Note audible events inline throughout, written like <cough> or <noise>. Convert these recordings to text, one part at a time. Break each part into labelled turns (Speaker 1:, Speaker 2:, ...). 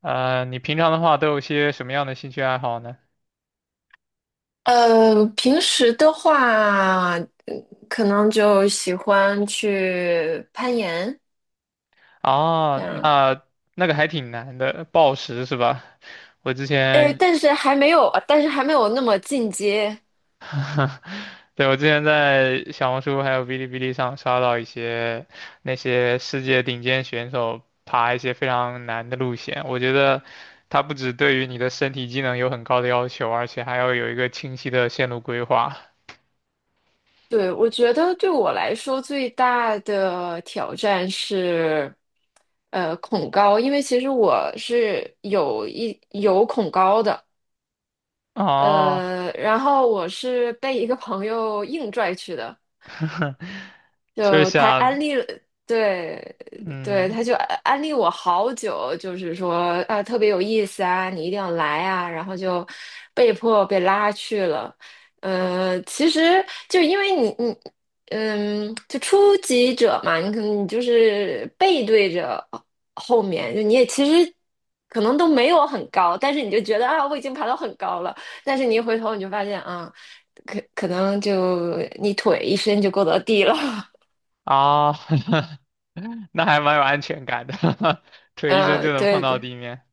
Speaker 1: 你平常的话都有些什么样的兴趣爱好呢？
Speaker 2: 平时的话，可能就喜欢去攀岩
Speaker 1: 啊，
Speaker 2: 这样。
Speaker 1: 那那个还挺难的，暴食是吧？我之
Speaker 2: 哎，
Speaker 1: 前，
Speaker 2: 但是还没有那么进阶。
Speaker 1: <laughs> 对，我之前在小红书还有哔哩哔哩上刷到一些那些世界顶尖选手爬一些非常难的路线，我觉得它不只对于你的身体机能有很高的要求，而且还要有一个清晰的线路规划。
Speaker 2: 对，我觉得对我来说最大的挑战是，恐高，因为其实我是有恐高的。
Speaker 1: 哦，
Speaker 2: 然后我是被一个朋友硬拽去的。
Speaker 1: <laughs> 就是
Speaker 2: 就他
Speaker 1: 想，
Speaker 2: 安利了，对对，他
Speaker 1: 嗯，
Speaker 2: 就安利我好久，就是说啊，特别有意思啊，你一定要来啊，然后就被迫被拉去了。其实就因为你就初级者嘛，你可能你就是背对着后面，就你也其实可能都没有很高，但是你就觉得啊，我已经爬到很高了，但是你一回头你就发现啊，可能就你腿一伸就够到地了。<laughs>
Speaker 1: 啊，<laughs> 那还蛮有安全感的，<laughs> 腿一伸就能碰
Speaker 2: 对
Speaker 1: 到
Speaker 2: 对
Speaker 1: 地面。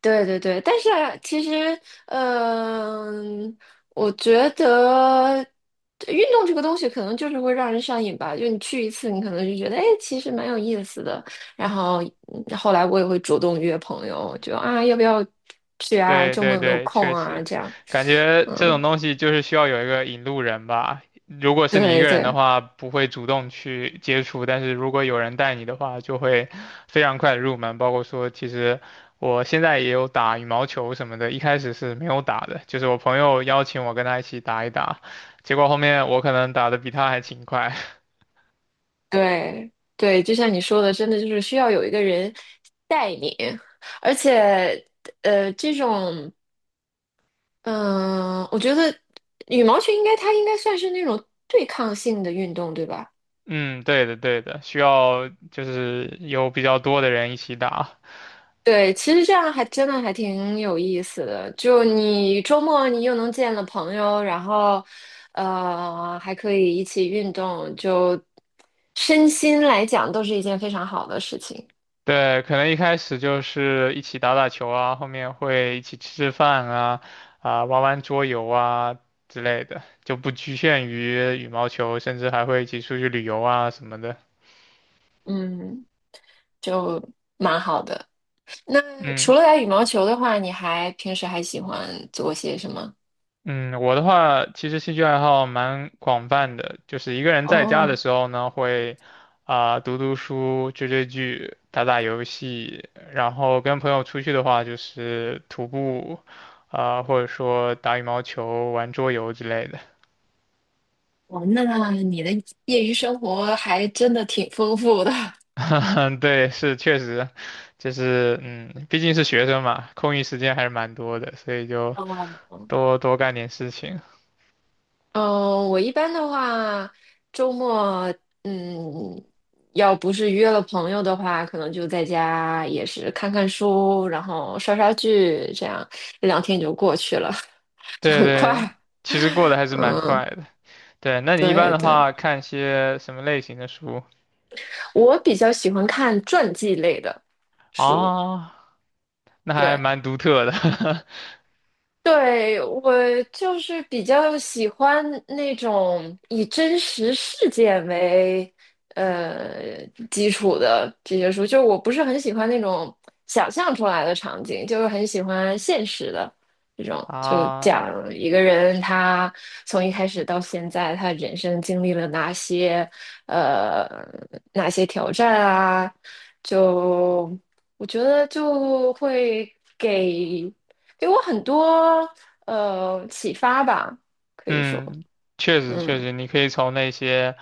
Speaker 2: 对对对，但是啊其实，嗯、我觉得运动这个东西可能就是会让人上瘾吧。就你去一次，你可能就觉得，哎，其实蛮有意思的。然后后来我也会主动约朋友，就啊，要不要去啊？
Speaker 1: 对
Speaker 2: 周末
Speaker 1: 对
Speaker 2: 有没有
Speaker 1: 对，
Speaker 2: 空
Speaker 1: 确
Speaker 2: 啊？
Speaker 1: 实，
Speaker 2: 这样。
Speaker 1: 感觉这种
Speaker 2: 嗯，
Speaker 1: 东西就是需要有一个引路人吧。如果是你一
Speaker 2: 对
Speaker 1: 个人的
Speaker 2: 对
Speaker 1: 话，不会主动去接触，但是如果有人带你的话，就会非常快的入门。包括说，其实我现在也有打羽毛球什么的，一开始是没有打的，就是我朋友邀请我跟他一起打一打，结果后面我可能打的比他还勤快。
Speaker 2: 对对，就像你说的，真的就是需要有一个人带你。而且，这种嗯，我觉得羽毛球它应该算是那种对抗性的运动，对吧？
Speaker 1: 嗯，对的，对的，需要就是有比较多的人一起打。
Speaker 2: 对，其实这样还真的还挺有意思的。就你周末你又能见了朋友，然后还可以一起运动，就身心来讲都是一件非常好的事情。
Speaker 1: 对，可能一开始就是一起打打球啊，后面会一起吃吃饭啊，啊、玩玩桌游啊之类的，就不局限于羽毛球，甚至还会一起出去旅游啊什么的。
Speaker 2: 嗯，就蛮好的。那除
Speaker 1: 嗯。
Speaker 2: 了打羽毛球的话，你还平时还喜欢做些什么？
Speaker 1: 嗯，我的话其实兴趣爱好蛮广泛的，就是一个人在家的
Speaker 2: 哦
Speaker 1: 时候呢，会啊、读读书、追追剧、打打游戏，然后跟朋友出去的话就是徒步，啊、或者说打羽毛球、玩桌游之类的。
Speaker 2: 哦，那你的业余生活还真的挺丰富的。<laughs>
Speaker 1: <laughs> 嗯，对，是确实，就是毕竟是学生嘛，空余时间还是蛮多的，所以就
Speaker 2: 哦，
Speaker 1: 多多干点事情。
Speaker 2: 嗯，我一般的话，周末，嗯，要不是约了朋友的话，可能就在家也是看看书，然后刷刷剧，这样一两天就过去了，<laughs> 就
Speaker 1: 对
Speaker 2: 很快。
Speaker 1: 对，其实过得还是蛮
Speaker 2: 嗯，
Speaker 1: 快的。对，那你一般
Speaker 2: 对
Speaker 1: 的
Speaker 2: 对，
Speaker 1: 话看些什么类型的书
Speaker 2: 我比较喜欢看传记类的书，
Speaker 1: 啊 <laughs>？那还
Speaker 2: 对。
Speaker 1: 蛮独特的
Speaker 2: 对，我就是比较喜欢那种以真实事件为基础的这些书，就是我不是很喜欢那种想象出来的场景，就是很喜欢现实的这种，
Speaker 1: <laughs>
Speaker 2: 就
Speaker 1: 啊。
Speaker 2: 讲一个人他从一开始到现在，他人生经历了呃哪些挑战啊，就我觉得就会给。给我很多启发吧，可以说。
Speaker 1: 嗯，确实
Speaker 2: 嗯，
Speaker 1: 确实，你可以从那些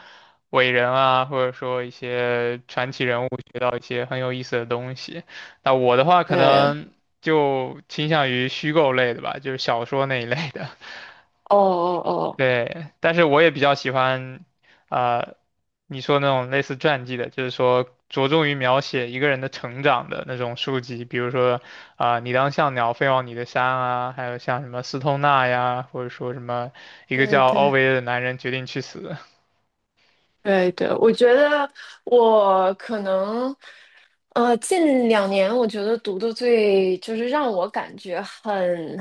Speaker 1: 伟人啊，或者说一些传奇人物学到一些很有意思的东西。那我的话可
Speaker 2: 对，
Speaker 1: 能就倾向于虚构类的吧，就是小说那一类的。
Speaker 2: 哦哦哦，
Speaker 1: 对，但是我也比较喜欢，啊，你说那种类似传记的，就是说着重于描写一个人的成长的那种书籍，比如说啊、你当像鸟飞往你的山》啊，还有像什么斯通纳呀，或者说什么一个
Speaker 2: 对
Speaker 1: 叫奥
Speaker 2: 对
Speaker 1: 维尔的男人决定去死，
Speaker 2: 对对，我觉得我可能近两年，我觉得读的最就是让我感觉很。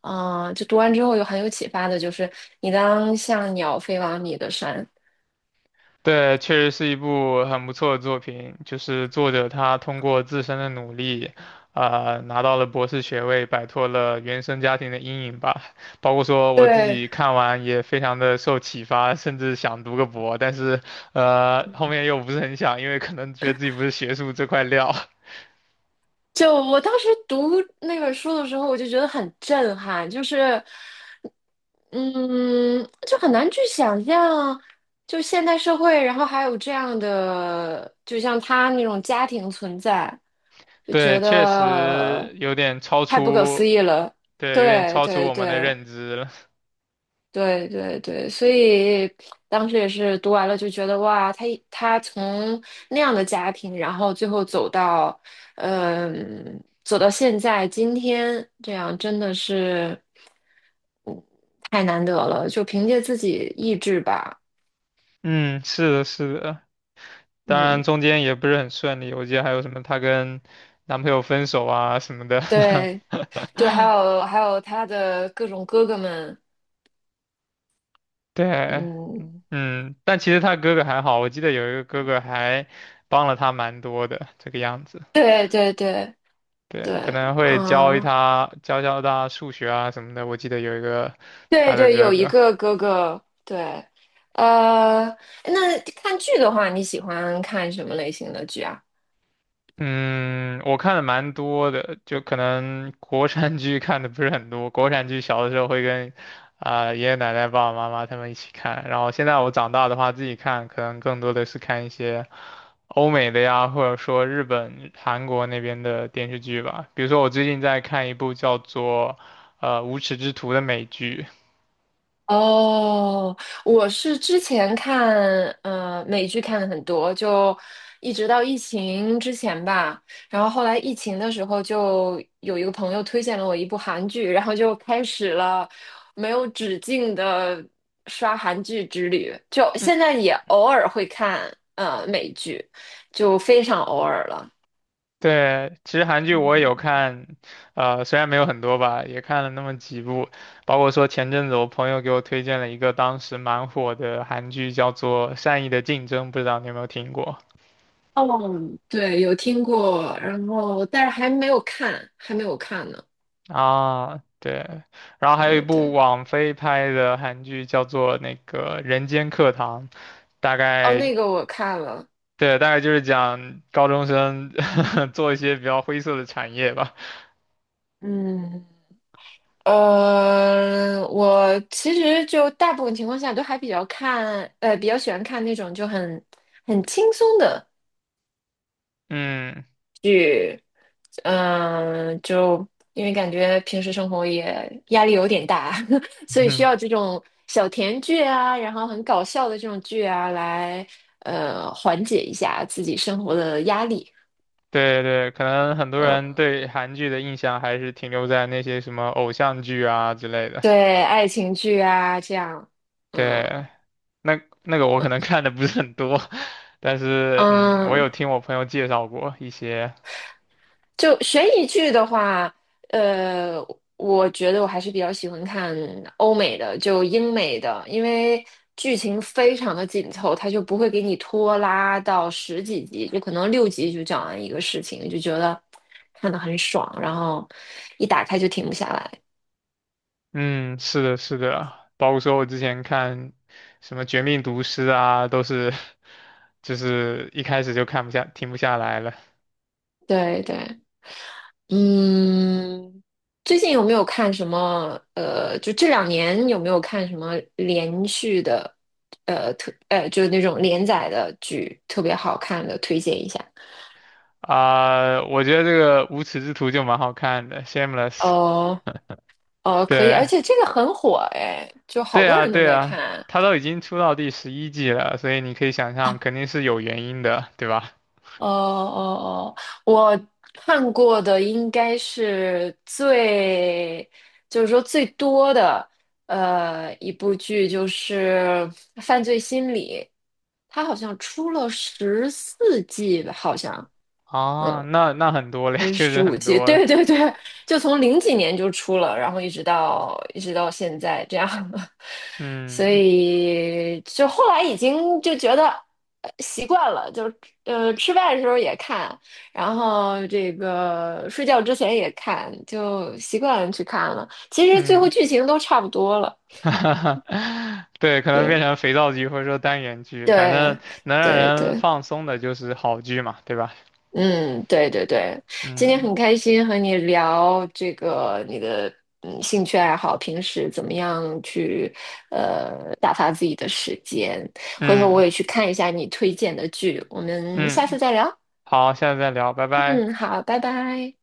Speaker 2: 啊、就读完之后有很有启发的，就是你当像鸟飞往你的山。
Speaker 1: 对，确实是一部很不错的作品。就是作者他通过自身的努力，拿到了博士学位，摆脱了原生家庭的阴影吧。包括说我自
Speaker 2: 对，
Speaker 1: 己看完也非常的受启发，甚至想读个博，但是后面又不是很想，因为可能觉得自己不是学术这块料。<laughs>
Speaker 2: 就我当时读那本书的时候，我就觉得很震撼，就是。嗯，就很难去想象，就现代社会，然后还有这样的，就像他那种家庭存在，就觉
Speaker 1: 对，确
Speaker 2: 得
Speaker 1: 实有点超
Speaker 2: 太不可思
Speaker 1: 出，
Speaker 2: 议了。
Speaker 1: 对，有点
Speaker 2: 对
Speaker 1: 超出
Speaker 2: 对
Speaker 1: 我们的
Speaker 2: 对，
Speaker 1: 认知了。
Speaker 2: 对对对，所以当时也是读完了就觉得哇，他从那样的家庭，然后最后走到，走到现在今天这样，真的是，嗯，太难得了，就凭借自己意志吧。
Speaker 1: <laughs> 嗯，是的，是的。当
Speaker 2: 嗯，
Speaker 1: 然中间也不是很顺利，我记得还有什么她跟男朋友分手啊什么的。
Speaker 2: 对对，
Speaker 1: <laughs>
Speaker 2: 还有他的各种哥哥们。
Speaker 1: 对，
Speaker 2: 嗯，
Speaker 1: 嗯，但其实她哥哥还好，我记得有一个哥哥还帮了她蛮多的，这个样子。
Speaker 2: 对对对
Speaker 1: 对，
Speaker 2: 对，
Speaker 1: 可能会
Speaker 2: 啊。
Speaker 1: 教教她数学啊什么的，我记得有一个她
Speaker 2: 对
Speaker 1: 的
Speaker 2: 对，
Speaker 1: 哥
Speaker 2: 有一
Speaker 1: 哥。
Speaker 2: 个哥哥，对。呃，那看剧的话，你喜欢看什么类型的剧啊？
Speaker 1: 嗯，我看的蛮多的，就可能国产剧看的不是很多。国产剧小的时候会跟啊、爷爷奶奶、爸爸妈妈他们一起看，然后现在我长大的话自己看，可能更多的是看一些欧美的呀，或者说日本、韩国那边的电视剧吧。比如说我最近在看一部叫做《无耻之徒》的美剧。
Speaker 2: 哦，我是之前看美剧看的很多，就一直到疫情之前吧。然后后来疫情的时候，就有一个朋友推荐了我一部韩剧，然后就开始了没有止境的刷韩剧之旅。就现在也偶尔会看美剧，就非常偶尔了。
Speaker 1: 对，其实韩剧我也有看，虽然没有很多吧，也看了那么几部，包括说前阵子我朋友给我推荐了一个当时蛮火的韩剧，叫做《善意的竞争》，不知道你有没有听过
Speaker 2: 哦，对，有听过，然后但是还没有看呢。
Speaker 1: 啊？对，然后还有一
Speaker 2: 对
Speaker 1: 部
Speaker 2: 对，
Speaker 1: 网飞拍的韩剧叫做那个《人间课堂》，大
Speaker 2: 哦，
Speaker 1: 概
Speaker 2: 那个我看了。
Speaker 1: 对，大概就是讲高中生 <laughs> 做一些比较灰色的产业吧，
Speaker 2: 嗯，我其实就大部分情况下都还比较看，比较喜欢看那种就很轻松的，
Speaker 1: 嗯
Speaker 2: 嗯、就因为感觉平时生活也压力有点大，<laughs> 所以需
Speaker 1: <laughs>。
Speaker 2: 要这种小甜剧啊，然后很搞笑的这种剧啊来。缓解一下自己生活的压力。
Speaker 1: 对对，可能很多
Speaker 2: 嗯，
Speaker 1: 人对韩剧的印象还是停留在那些什么偶像剧啊之类的。
Speaker 2: 对，爱情剧啊，这样。嗯
Speaker 1: 对，那那个我可能看的不是很多，<laughs> 但是我
Speaker 2: 嗯，
Speaker 1: 有听我朋友介绍过一些。
Speaker 2: 就悬疑剧的话，呃，我觉得我还是比较喜欢看欧美的，就英美的，因为剧情非常的紧凑，它就不会给你拖拉到十几集，就可能六集就讲完一个事情，就觉得看得很爽，然后一打开就停不下来。
Speaker 1: 嗯，是的，是的，包括说我之前看什么《绝命毒师》啊，都是 <laughs> 就是一开始就看不下，停不下来了
Speaker 2: 对对，嗯，最近有没有看什么？就这两年有没有看什么连续的，就是那种连载的剧，特别好看的，推荐一下。
Speaker 1: 啊、我觉得这个《无耻之徒》就蛮好看的，《Shameless》。
Speaker 2: 哦哦，可以，而
Speaker 1: 对。
Speaker 2: 且这个很火哎，就好
Speaker 1: 对
Speaker 2: 多
Speaker 1: 啊，
Speaker 2: 人都
Speaker 1: 对
Speaker 2: 在
Speaker 1: 啊，
Speaker 2: 看。
Speaker 1: 他都已经出到第11季了，所以你可以想象，肯定是有原因的，对吧？
Speaker 2: 哦哦哦，我看过的应该是最，就是说最多的，一部剧就是《犯罪心理》，它好像出了14季吧，好像。
Speaker 1: 啊，
Speaker 2: 嗯
Speaker 1: 那那很多嘞，
Speaker 2: 还
Speaker 1: <laughs>
Speaker 2: 是
Speaker 1: 确
Speaker 2: 十
Speaker 1: 实
Speaker 2: 五
Speaker 1: 很
Speaker 2: 季？<laughs>
Speaker 1: 多了。
Speaker 2: 对对对，就从零几年就出了，然后一直到现在这样。<laughs> 所
Speaker 1: 嗯
Speaker 2: 以就后来已经就觉得习惯了，就吃饭的时候也看，然后这个睡觉之前也看，就习惯去看了。其实最后
Speaker 1: 嗯，
Speaker 2: 剧情都差不多了，
Speaker 1: <laughs> 对，可能
Speaker 2: 对
Speaker 1: 变成肥皂剧或者说单元剧，反正
Speaker 2: 对
Speaker 1: 能让
Speaker 2: 对
Speaker 1: 人
Speaker 2: 对。
Speaker 1: 放松的就是好剧嘛，对吧？
Speaker 2: 嗯，对对对，今天
Speaker 1: 嗯
Speaker 2: 很开心和你聊这个你的兴趣爱好，平时怎么样去打发自己的时间。回头我
Speaker 1: 嗯
Speaker 2: 也去看一下你推荐的剧，我们下
Speaker 1: 嗯，
Speaker 2: 次再聊。
Speaker 1: 好，下次再聊，拜拜。
Speaker 2: 嗯，好，拜拜。